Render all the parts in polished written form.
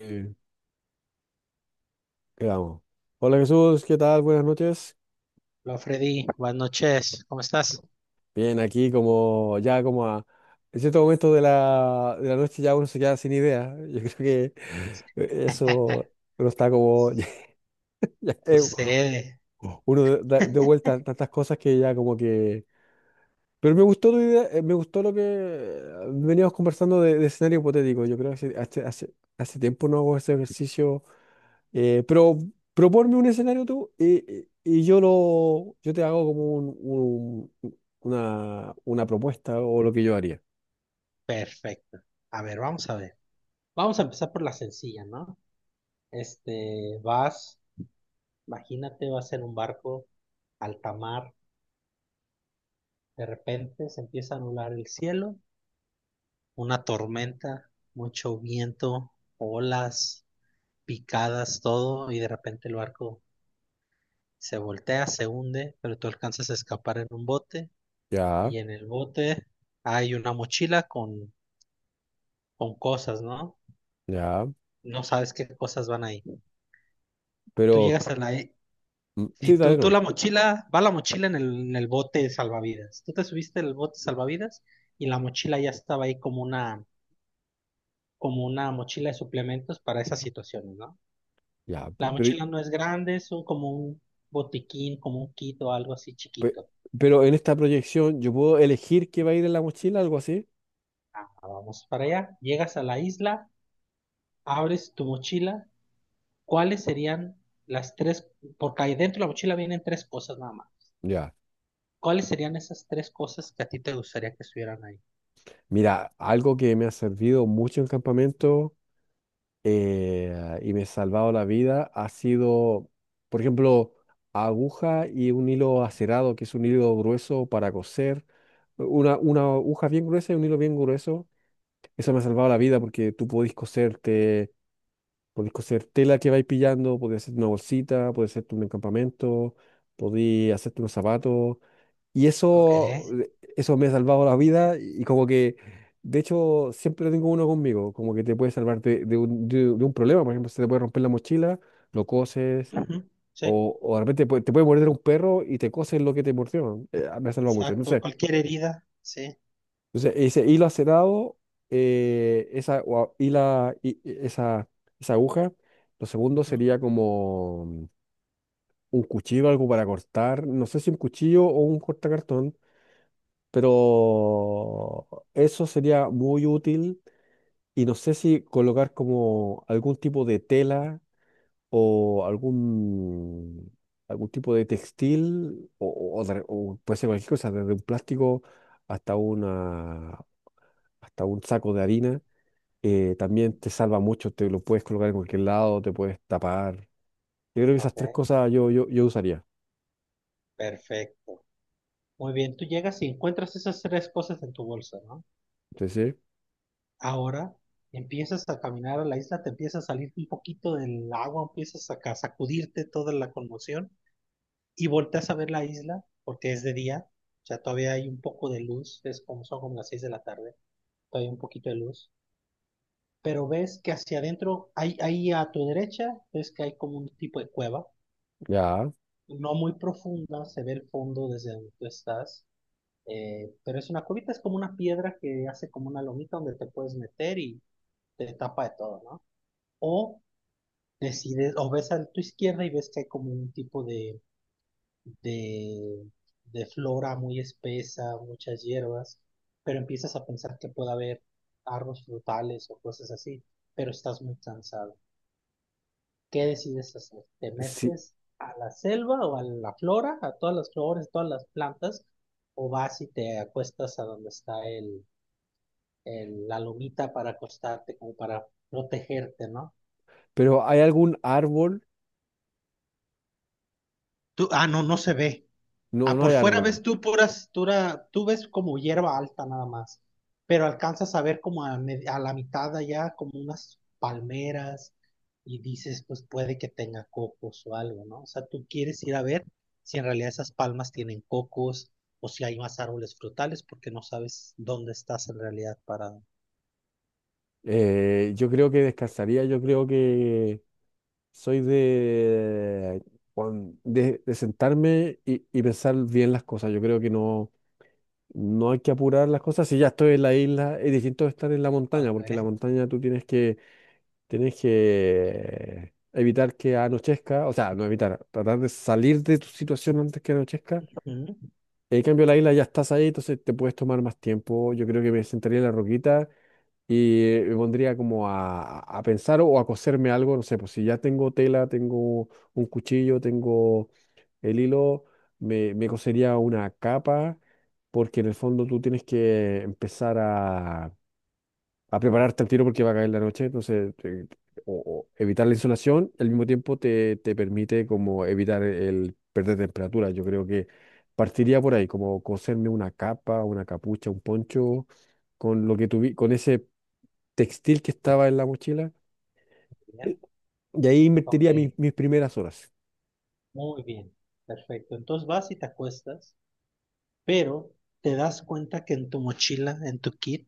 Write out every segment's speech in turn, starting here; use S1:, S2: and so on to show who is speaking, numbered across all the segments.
S1: Eh, Quedamos. Hola Jesús, ¿qué tal? Buenas noches.
S2: Hola Freddy, buenas noches, ¿cómo estás?
S1: Bien, aquí como ya como a en cierto momento de la noche ya uno se queda sin idea. Yo creo que eso uno está como
S2: Su-
S1: ya,
S2: Sucede,
S1: uno de vuelta a tantas cosas que ya como que. Pero me gustó tu idea, me gustó lo que veníamos conversando de escenario hipotético. Yo creo que hace tiempo no hago ese ejercicio. Pero proponme un escenario tú y yo te hago como una propuesta o lo que yo haría.
S2: perfecto. A ver, vamos a ver. Vamos a empezar por la sencilla, ¿no? Vas, imagínate, vas en un barco, alta mar, de repente se empieza a anular el cielo, una tormenta, mucho viento, olas, picadas, todo, y de repente el barco se voltea, se hunde, pero tú alcanzas a escapar en un bote,
S1: Ya,
S2: y en el bote hay una mochila con cosas, ¿no?
S1: ya,
S2: No sabes qué cosas van ahí. Tú
S1: pero
S2: llegas a la... Si
S1: sí, dale
S2: tú,
S1: nomás.
S2: la mochila, va la mochila en el bote de salvavidas. Tú te subiste en el bote de salvavidas y la mochila ya estaba ahí como una mochila de suplementos para esas situaciones, ¿no?
S1: Ya,
S2: La mochila no es grande, como un botiquín, como un kit o algo así
S1: pe-
S2: chiquito.
S1: pero en esta proyección yo puedo elegir qué va a ir en la mochila, algo así.
S2: Ah, vamos para allá, llegas a la isla, abres tu mochila, ¿cuáles serían las tres? Porque ahí dentro de la mochila vienen tres cosas nada más.
S1: Ya.
S2: ¿Cuáles serían esas tres cosas que a ti te gustaría que estuvieran ahí?
S1: Mira, algo que me ha servido mucho en campamento y me he salvado la vida ha sido, por ejemplo, aguja y un hilo acerado, que es un hilo grueso para coser. Una aguja bien gruesa y un hilo bien grueso. Eso me ha salvado la vida porque tú podés coserte, podés coser tela que vais pillando, podés hacer una bolsita, podés hacerte un encampamento, podés hacerte unos zapatos. Y
S2: Ok.
S1: eso me ha salvado la vida y como que, de hecho, siempre tengo uno conmigo, como que te puede salvar de un problema, por ejemplo, se te puede romper la mochila, lo coses,
S2: Ujú, sí,
S1: o de repente te puede morder un perro y te coses lo que te mordió. Me ha salvado mucho, no
S2: exacto.
S1: sé.
S2: Cualquier herida, sí.
S1: Entonces, ese hilo acerado, esa, o a- hila- i- i- esa aguja, lo segundo
S2: Ujú,
S1: sería como un cuchillo, algo para cortar, no sé si un cuchillo o un cortacartón. Pero eso sería muy útil y no sé si colocar como algún tipo de tela o algún tipo de textil o puede ser cualquier cosa, desde un plástico hasta una, hasta un saco de harina. eh,
S2: ujú.
S1: también te salva mucho, te lo puedes colocar en cualquier lado, te puedes tapar. Yo creo que esas
S2: Ok.
S1: tres cosas yo usaría.
S2: Perfecto. Muy bien, tú llegas y encuentras esas tres cosas en tu bolsa, ¿no?
S1: Entonces,
S2: Ahora empiezas a caminar a la isla, te empieza a salir un poquito del agua, empiezas a sacudirte toda la conmoción y volteas a ver la isla porque es de día, o sea, todavía hay un poco de luz, es como son como las seis de la tarde, todavía hay un poquito de luz. Pero ves que hacia adentro, ahí a tu derecha, ves que hay como un tipo de cueva,
S1: ya.
S2: no muy profunda, se ve el fondo desde donde tú estás, pero es una cuevita, es como una piedra que hace como una lomita donde te puedes meter y te tapa de todo, ¿no? O decides, o ves a tu izquierda y ves que hay como un tipo de, de flora muy espesa, muchas hierbas, pero empiezas a pensar que puede haber árboles frutales o cosas así, pero estás muy cansado. ¿Qué decides hacer? ¿Te
S1: Sí.
S2: metes a la selva o a la flora, a todas las flores, todas las plantas, o vas y te acuestas a donde está la lomita para acostarte, como para protegerte, ¿no?
S1: Pero ¿hay algún árbol?
S2: Tú, ah, no, no se ve.
S1: No,
S2: Ah,
S1: no
S2: por
S1: hay
S2: fuera
S1: árboles.
S2: ves tú tú ves como hierba alta nada más, pero alcanzas a ver como a la mitad de allá como unas palmeras y dices, pues puede que tenga cocos o algo, ¿no? O sea, tú quieres ir a ver si en realidad esas palmas tienen cocos o si hay más árboles frutales porque no sabes dónde estás en realidad parado.
S1: Yo creo que descansaría, yo creo que soy de sentarme y pensar bien las cosas. Yo creo que no, no hay que apurar las cosas. Si ya estoy en la isla, es distinto de estar en la montaña,
S2: Ok,
S1: porque en la montaña tú tienes que evitar que anochezca, o sea, no evitar, tratar de salir de tu situación antes que anochezca.
S2: ujú,
S1: En cambio, la isla ya estás ahí, entonces te puedes tomar más tiempo. Yo creo que me sentaría en la roquita y me pondría como a pensar o a coserme algo. No sé, pues si ya tengo tela, tengo un cuchillo, tengo el hilo, me cosería una capa, porque en el fondo tú tienes que empezar a prepararte al tiro porque va a caer la noche, entonces o evitar la insolación, al mismo tiempo te permite como evitar el perder temperatura. Yo creo que partiría por ahí, como coserme una capa, una capucha, un poncho, con ese textil que estaba en la mochila, eh,
S2: bien,
S1: y ahí
S2: ok,
S1: invertiría mis primeras horas.
S2: muy bien, perfecto. Entonces vas y te acuestas. Pero te das cuenta que en tu mochila, en tu kit,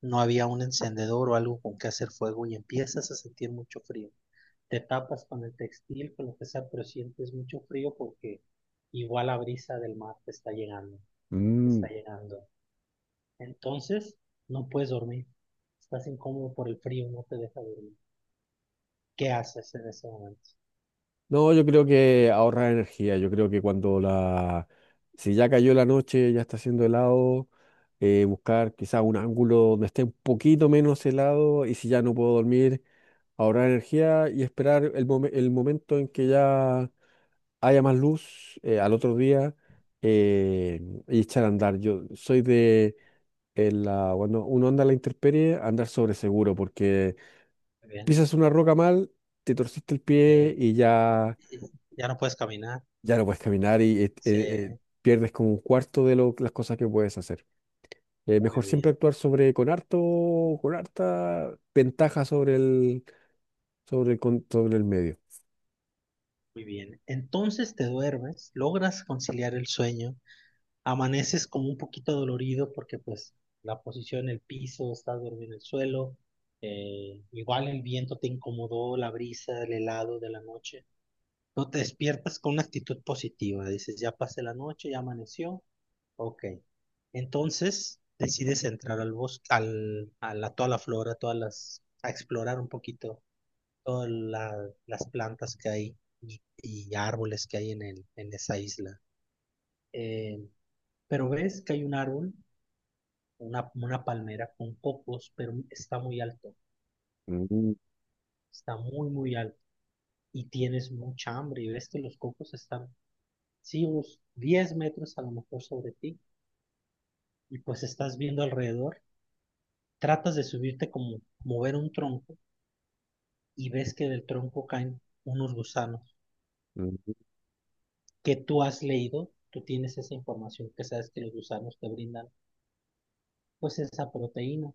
S2: no había un encendedor o algo con que hacer fuego y empiezas a sentir mucho frío. Te tapas con el textil, con lo que sea, pero sientes mucho frío porque igual la brisa del mar te está
S1: Mm.
S2: llegando. Entonces, no puedes dormir. Estás incómodo por el frío, no te deja dormir. ¿Qué haces en ese momento?
S1: No, yo creo que ahorrar energía, yo creo que cuando la. Si ya cayó la noche, ya está haciendo helado. Buscar quizá un ángulo donde esté un poquito menos helado y si ya no puedo dormir, ahorrar energía y esperar el momento en que ya haya más luz, al otro día, eh, y echar a andar. Yo soy de cuando uno anda a la intemperie, andar sobre seguro porque
S2: Muy bien.
S1: pisas una roca mal, te torciste el pie
S2: Eh,
S1: y ya,
S2: ya no puedes caminar.
S1: ya no puedes caminar y
S2: Sí,
S1: pierdes como un cuarto de las cosas que puedes hacer.
S2: muy
S1: Mejor siempre
S2: bien.
S1: actuar sobre con harto, con harta ventaja sobre el medio.
S2: Muy bien, entonces te duermes, logras conciliar el sueño, amaneces como un poquito dolorido porque pues la posición, el piso, estás dormido en el suelo, igual el viento te incomodó, la brisa, el helado de la noche, no te despiertas con una actitud positiva, dices ya pasé la noche, ya amaneció, ok, entonces decides entrar al bosque, toda la flora, todas las, a explorar un poquito todas las plantas que hay y árboles que hay en esa isla. Eh, pero ves que hay un árbol, una palmera con cocos, pero está muy alto,
S1: Mm,
S2: está muy, muy alto. Y tienes mucha hambre y ves que los cocos están, sí, unos 10 metros a lo mejor sobre ti. Y pues estás viendo alrededor, tratas de subirte como mover un tronco y ves que del tronco caen unos gusanos
S1: mm.
S2: que tú has leído, tú tienes esa información que sabes que los gusanos te brindan pues esa proteína,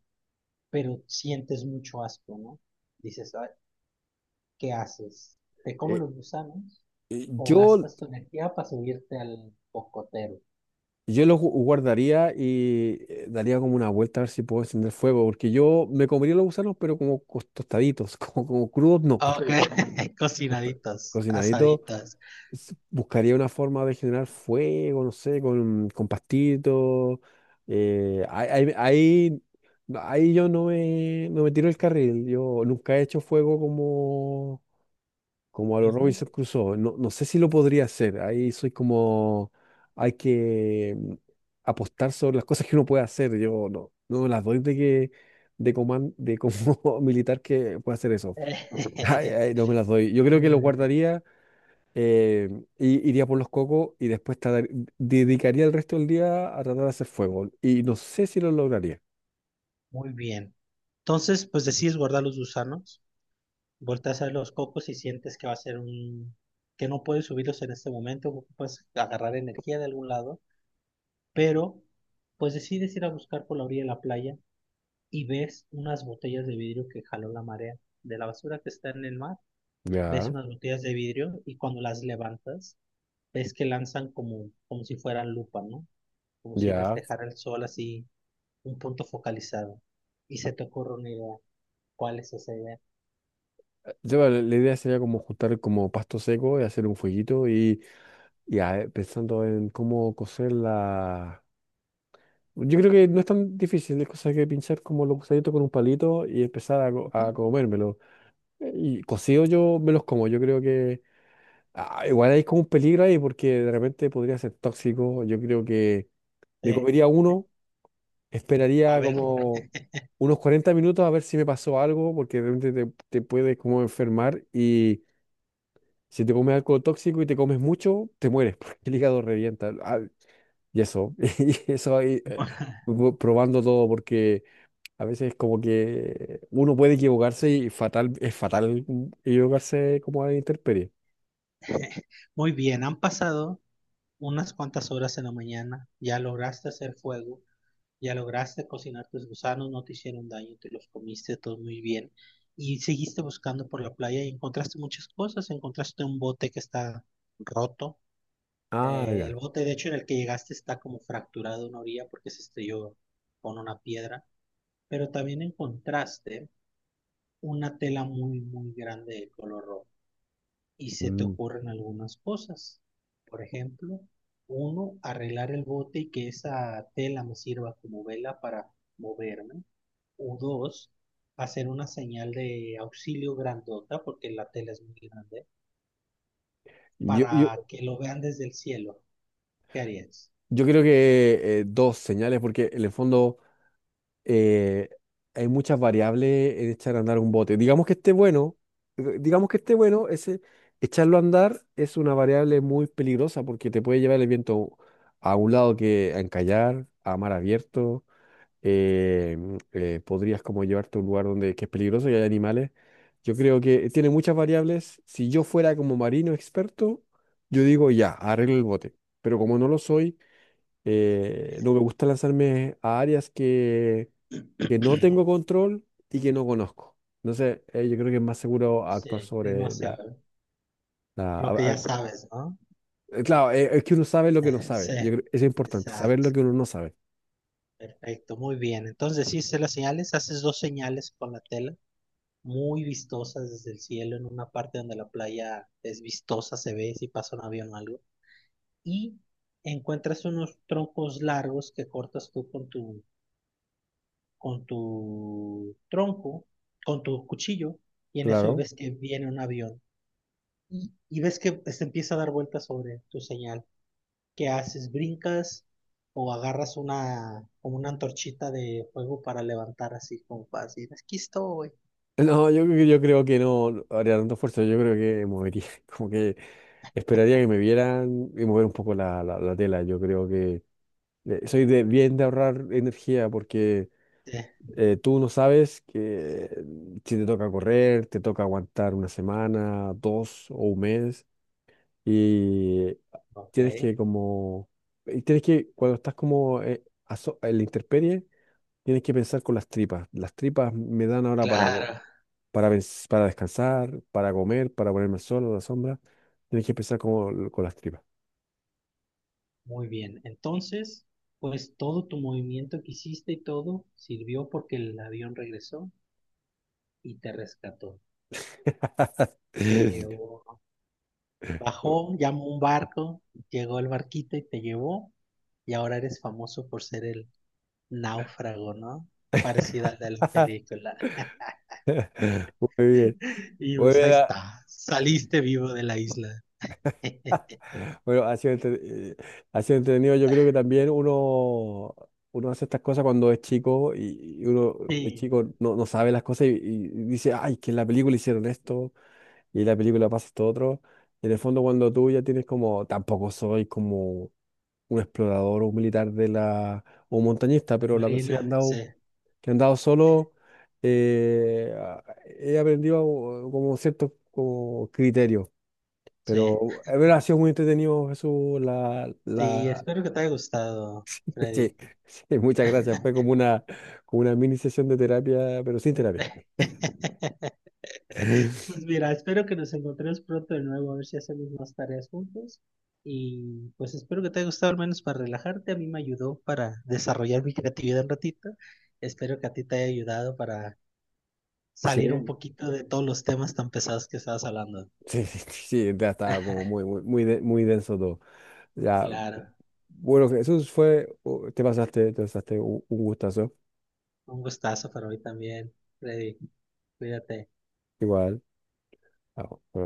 S2: pero sientes mucho asco, ¿no? Dices, "Ay, ¿qué haces? ¿Te comes
S1: Eh,
S2: los gusanos
S1: eh,
S2: o
S1: yo,
S2: gastas tu energía para subirte al cocotero?
S1: yo los guardaría y daría como una vuelta a ver si puedo encender fuego, porque yo me comería los gusanos, pero como tostaditos, como crudos, no, pero
S2: Ok,
S1: tosta-
S2: cocinaditas,
S1: cocinaditos.
S2: asaditas.
S1: Buscaría una forma de generar fuego, no sé, con, pastitos. eh, ahí, ahí, ahí- no, ahí yo no me tiro el carril. Yo nunca he hecho fuego como a los
S2: Ujú.
S1: Robinson Crusoe. No, no sé si lo podría hacer. Ahí soy como, hay que apostar sobre las cosas que uno puede hacer. Yo no, no me las doy de que. De como militar que pueda hacer eso. Ay, ay, no me las doy. Yo creo que lo
S2: Eh,
S1: guardaría, eh, y iría por los cocos y después dedicaría el resto del día a tratar de hacer fuego. Y no sé si lo lograría.
S2: muy bien. Entonces, pues decides guardar los gusanos, volteas a ver los cocos y sientes que va a ser un... que no puedes subirlos en este momento, ocupas agarrar energía de algún lado, pero pues decides ir a buscar por la orilla de la playa y ves unas botellas de vidrio que jaló la marea. De la basura que está en el mar, ves
S1: Ya,
S2: unas botellas de vidrio y cuando las levantas, ves que lanzan como, como si fueran lupa, ¿no? Como si
S1: ya.
S2: reflejara el sol así, un punto focalizado. Y se te ocurre una idea. ¿Cuál es esa idea?
S1: La idea sería como juntar como pasto seco y hacer un fueguito pensando en cómo cocer la. Yo creo que no es tan difícil, es cosa que pinchar como los gusanitos con un palito y empezar a, co-
S2: Ujú.
S1: a comérmelo. Y cocido yo me los como, yo creo que. Ah, igual hay como un peligro ahí porque de repente podría ser tóxico. Yo creo que me
S2: Eh,
S1: comería uno,
S2: a
S1: esperaría
S2: ver,
S1: como unos 40 minutos a ver si me pasó algo, porque de repente te puedes como enfermar y si te comes algo tóxico y te comes mucho, te mueres porque el hígado revienta. Ah, y eso, y eso ahí, probando todo porque a veces como que uno puede equivocarse y fatal, es fatal, equivocarse como a la intemperie.
S2: muy bien, han pasado unas cuantas horas en la mañana, ya lograste hacer fuego. Ya lograste cocinar tus gusanos, no te hicieron daño, te los comiste todo muy bien. Y seguiste buscando por la playa y encontraste muchas cosas. Encontraste un bote que está roto.
S1: Ah, ya.
S2: El bote, de hecho, en el que llegaste está como fracturado una orilla porque se estrelló con una piedra. Pero también encontraste una tela muy, muy grande de color rojo. Y se te
S1: Mm.
S2: ocurren algunas cosas. Por ejemplo, uno, arreglar el bote y que esa tela me sirva como vela para moverme o dos, hacer una señal de auxilio grandota, porque la tela es muy grande,
S1: Yo, yo,
S2: para que lo vean desde el cielo. ¿Qué harías?
S1: yo creo que dos señales, porque en el fondo eh, hay muchas variables en echar a andar un bote. Digamos que esté bueno, digamos que esté bueno, ese echarlo a andar es una variable muy peligrosa porque te puede llevar el viento a un lado que a encallar, a mar abierto. eh, podrías como llevarte a un lugar donde que es peligroso y hay animales. Yo creo que tiene muchas variables. Si yo fuera como marino experto, yo digo ya, arreglo el bote. Pero como no lo soy, no
S2: Bien,
S1: me gusta lanzarme a áreas que, no tengo control y que no conozco. Entonces, yo creo que es más seguro
S2: sí,
S1: actuar
S2: es
S1: sobre
S2: más
S1: la.
S2: seguro.
S1: la-
S2: Lo que
S1: a- a-
S2: ya sabes, ¿no?
S1: claro, es que uno sabe lo que no
S2: Sí,
S1: sabe. Eso es importante, saber
S2: exacto.
S1: lo que uno no sabe.
S2: Perfecto, muy bien. Entonces, sí, sé las señales, haces dos señales con la tela, muy vistosas desde el cielo, en una parte donde la playa es vistosa, se ve si pasa un avión o algo. Y encuentras unos troncos largos que cortas tú con tu tronco, con tu cuchillo, y en eso
S1: Claro.
S2: ves que viene un avión. Y ves que se empieza a dar vueltas sobre tu señal. ¿Qué haces? ¿Brincas o agarras una, como una antorchita de fuego para levantar así como para decir, aquí estoy?
S1: No, yo creo que no haría tanto esfuerzo. Yo creo que movería, como que esperaría que me vieran y mover un poco la tela. Yo creo que soy bien de ahorrar energía porque.
S2: Sí,
S1: Tú no sabes que si te toca correr, te toca aguantar una semana, dos o un mes, y
S2: Ok,
S1: tienes que como, y tienes que, cuando estás como en la intemperie, tienes que pensar con las tripas. Las tripas me dan ahora para, co-
S2: claro.
S1: para, pens- para descansar, para comer, para ponerme al sol, a la sombra. Tienes que pensar con las tripas.
S2: Muy bien. Entonces, pues todo tu movimiento que hiciste y todo sirvió porque el avión regresó y te rescató. Te llevó. Bajó, llamó un barco, llegó el barquito y te llevó, y ahora eres famoso por ser el náufrago, ¿no? Parecida a la de la película.
S1: Muy bien.
S2: Y
S1: Muy
S2: pues ahí
S1: bien.
S2: está, saliste vivo de la isla.
S1: Bueno, ha sido entretenido. Yo creo que también uno hace estas cosas cuando es chico y uno es
S2: Sí,
S1: chico, no sabe las cosas y dice, ay, que en la película hicieron esto y en la película pasa esto otro. Y en el fondo, cuando tú ya tienes como, tampoco soy como un explorador o un militar o un montañista,
S2: la
S1: pero las veces que he
S2: Marina, sí,
S1: andado, solo, eh, a- he aprendido como cierto como criterio.
S2: sí.
S1: Pero bueno, ha sido muy entretenido, Jesús.
S2: Sí, espero que te haya gustado,
S1: Sí,
S2: Freddy.
S1: sí, muchas gracias. Fue como una mini sesión de terapia, pero sin terapia.
S2: Pues mira, espero que nos encontremos pronto de nuevo, a ver si hacemos más tareas juntos. Y pues espero que te haya gustado al menos para relajarte. A mí me ayudó para desarrollar mi creatividad un ratito. Espero que a ti te haya ayudado para
S1: Sí,
S2: salir un poquito de todos los temas tan pesados que estabas hablando.
S1: sí, sí, sí, ya estaba como muy, muy, muy, muy denso todo. Ya,
S2: Claro,
S1: bueno, Jesús fue, te pasaste un gustazo,
S2: un gustazo para mí también, Freddy. Cuídate.
S1: igual. Ah, bueno.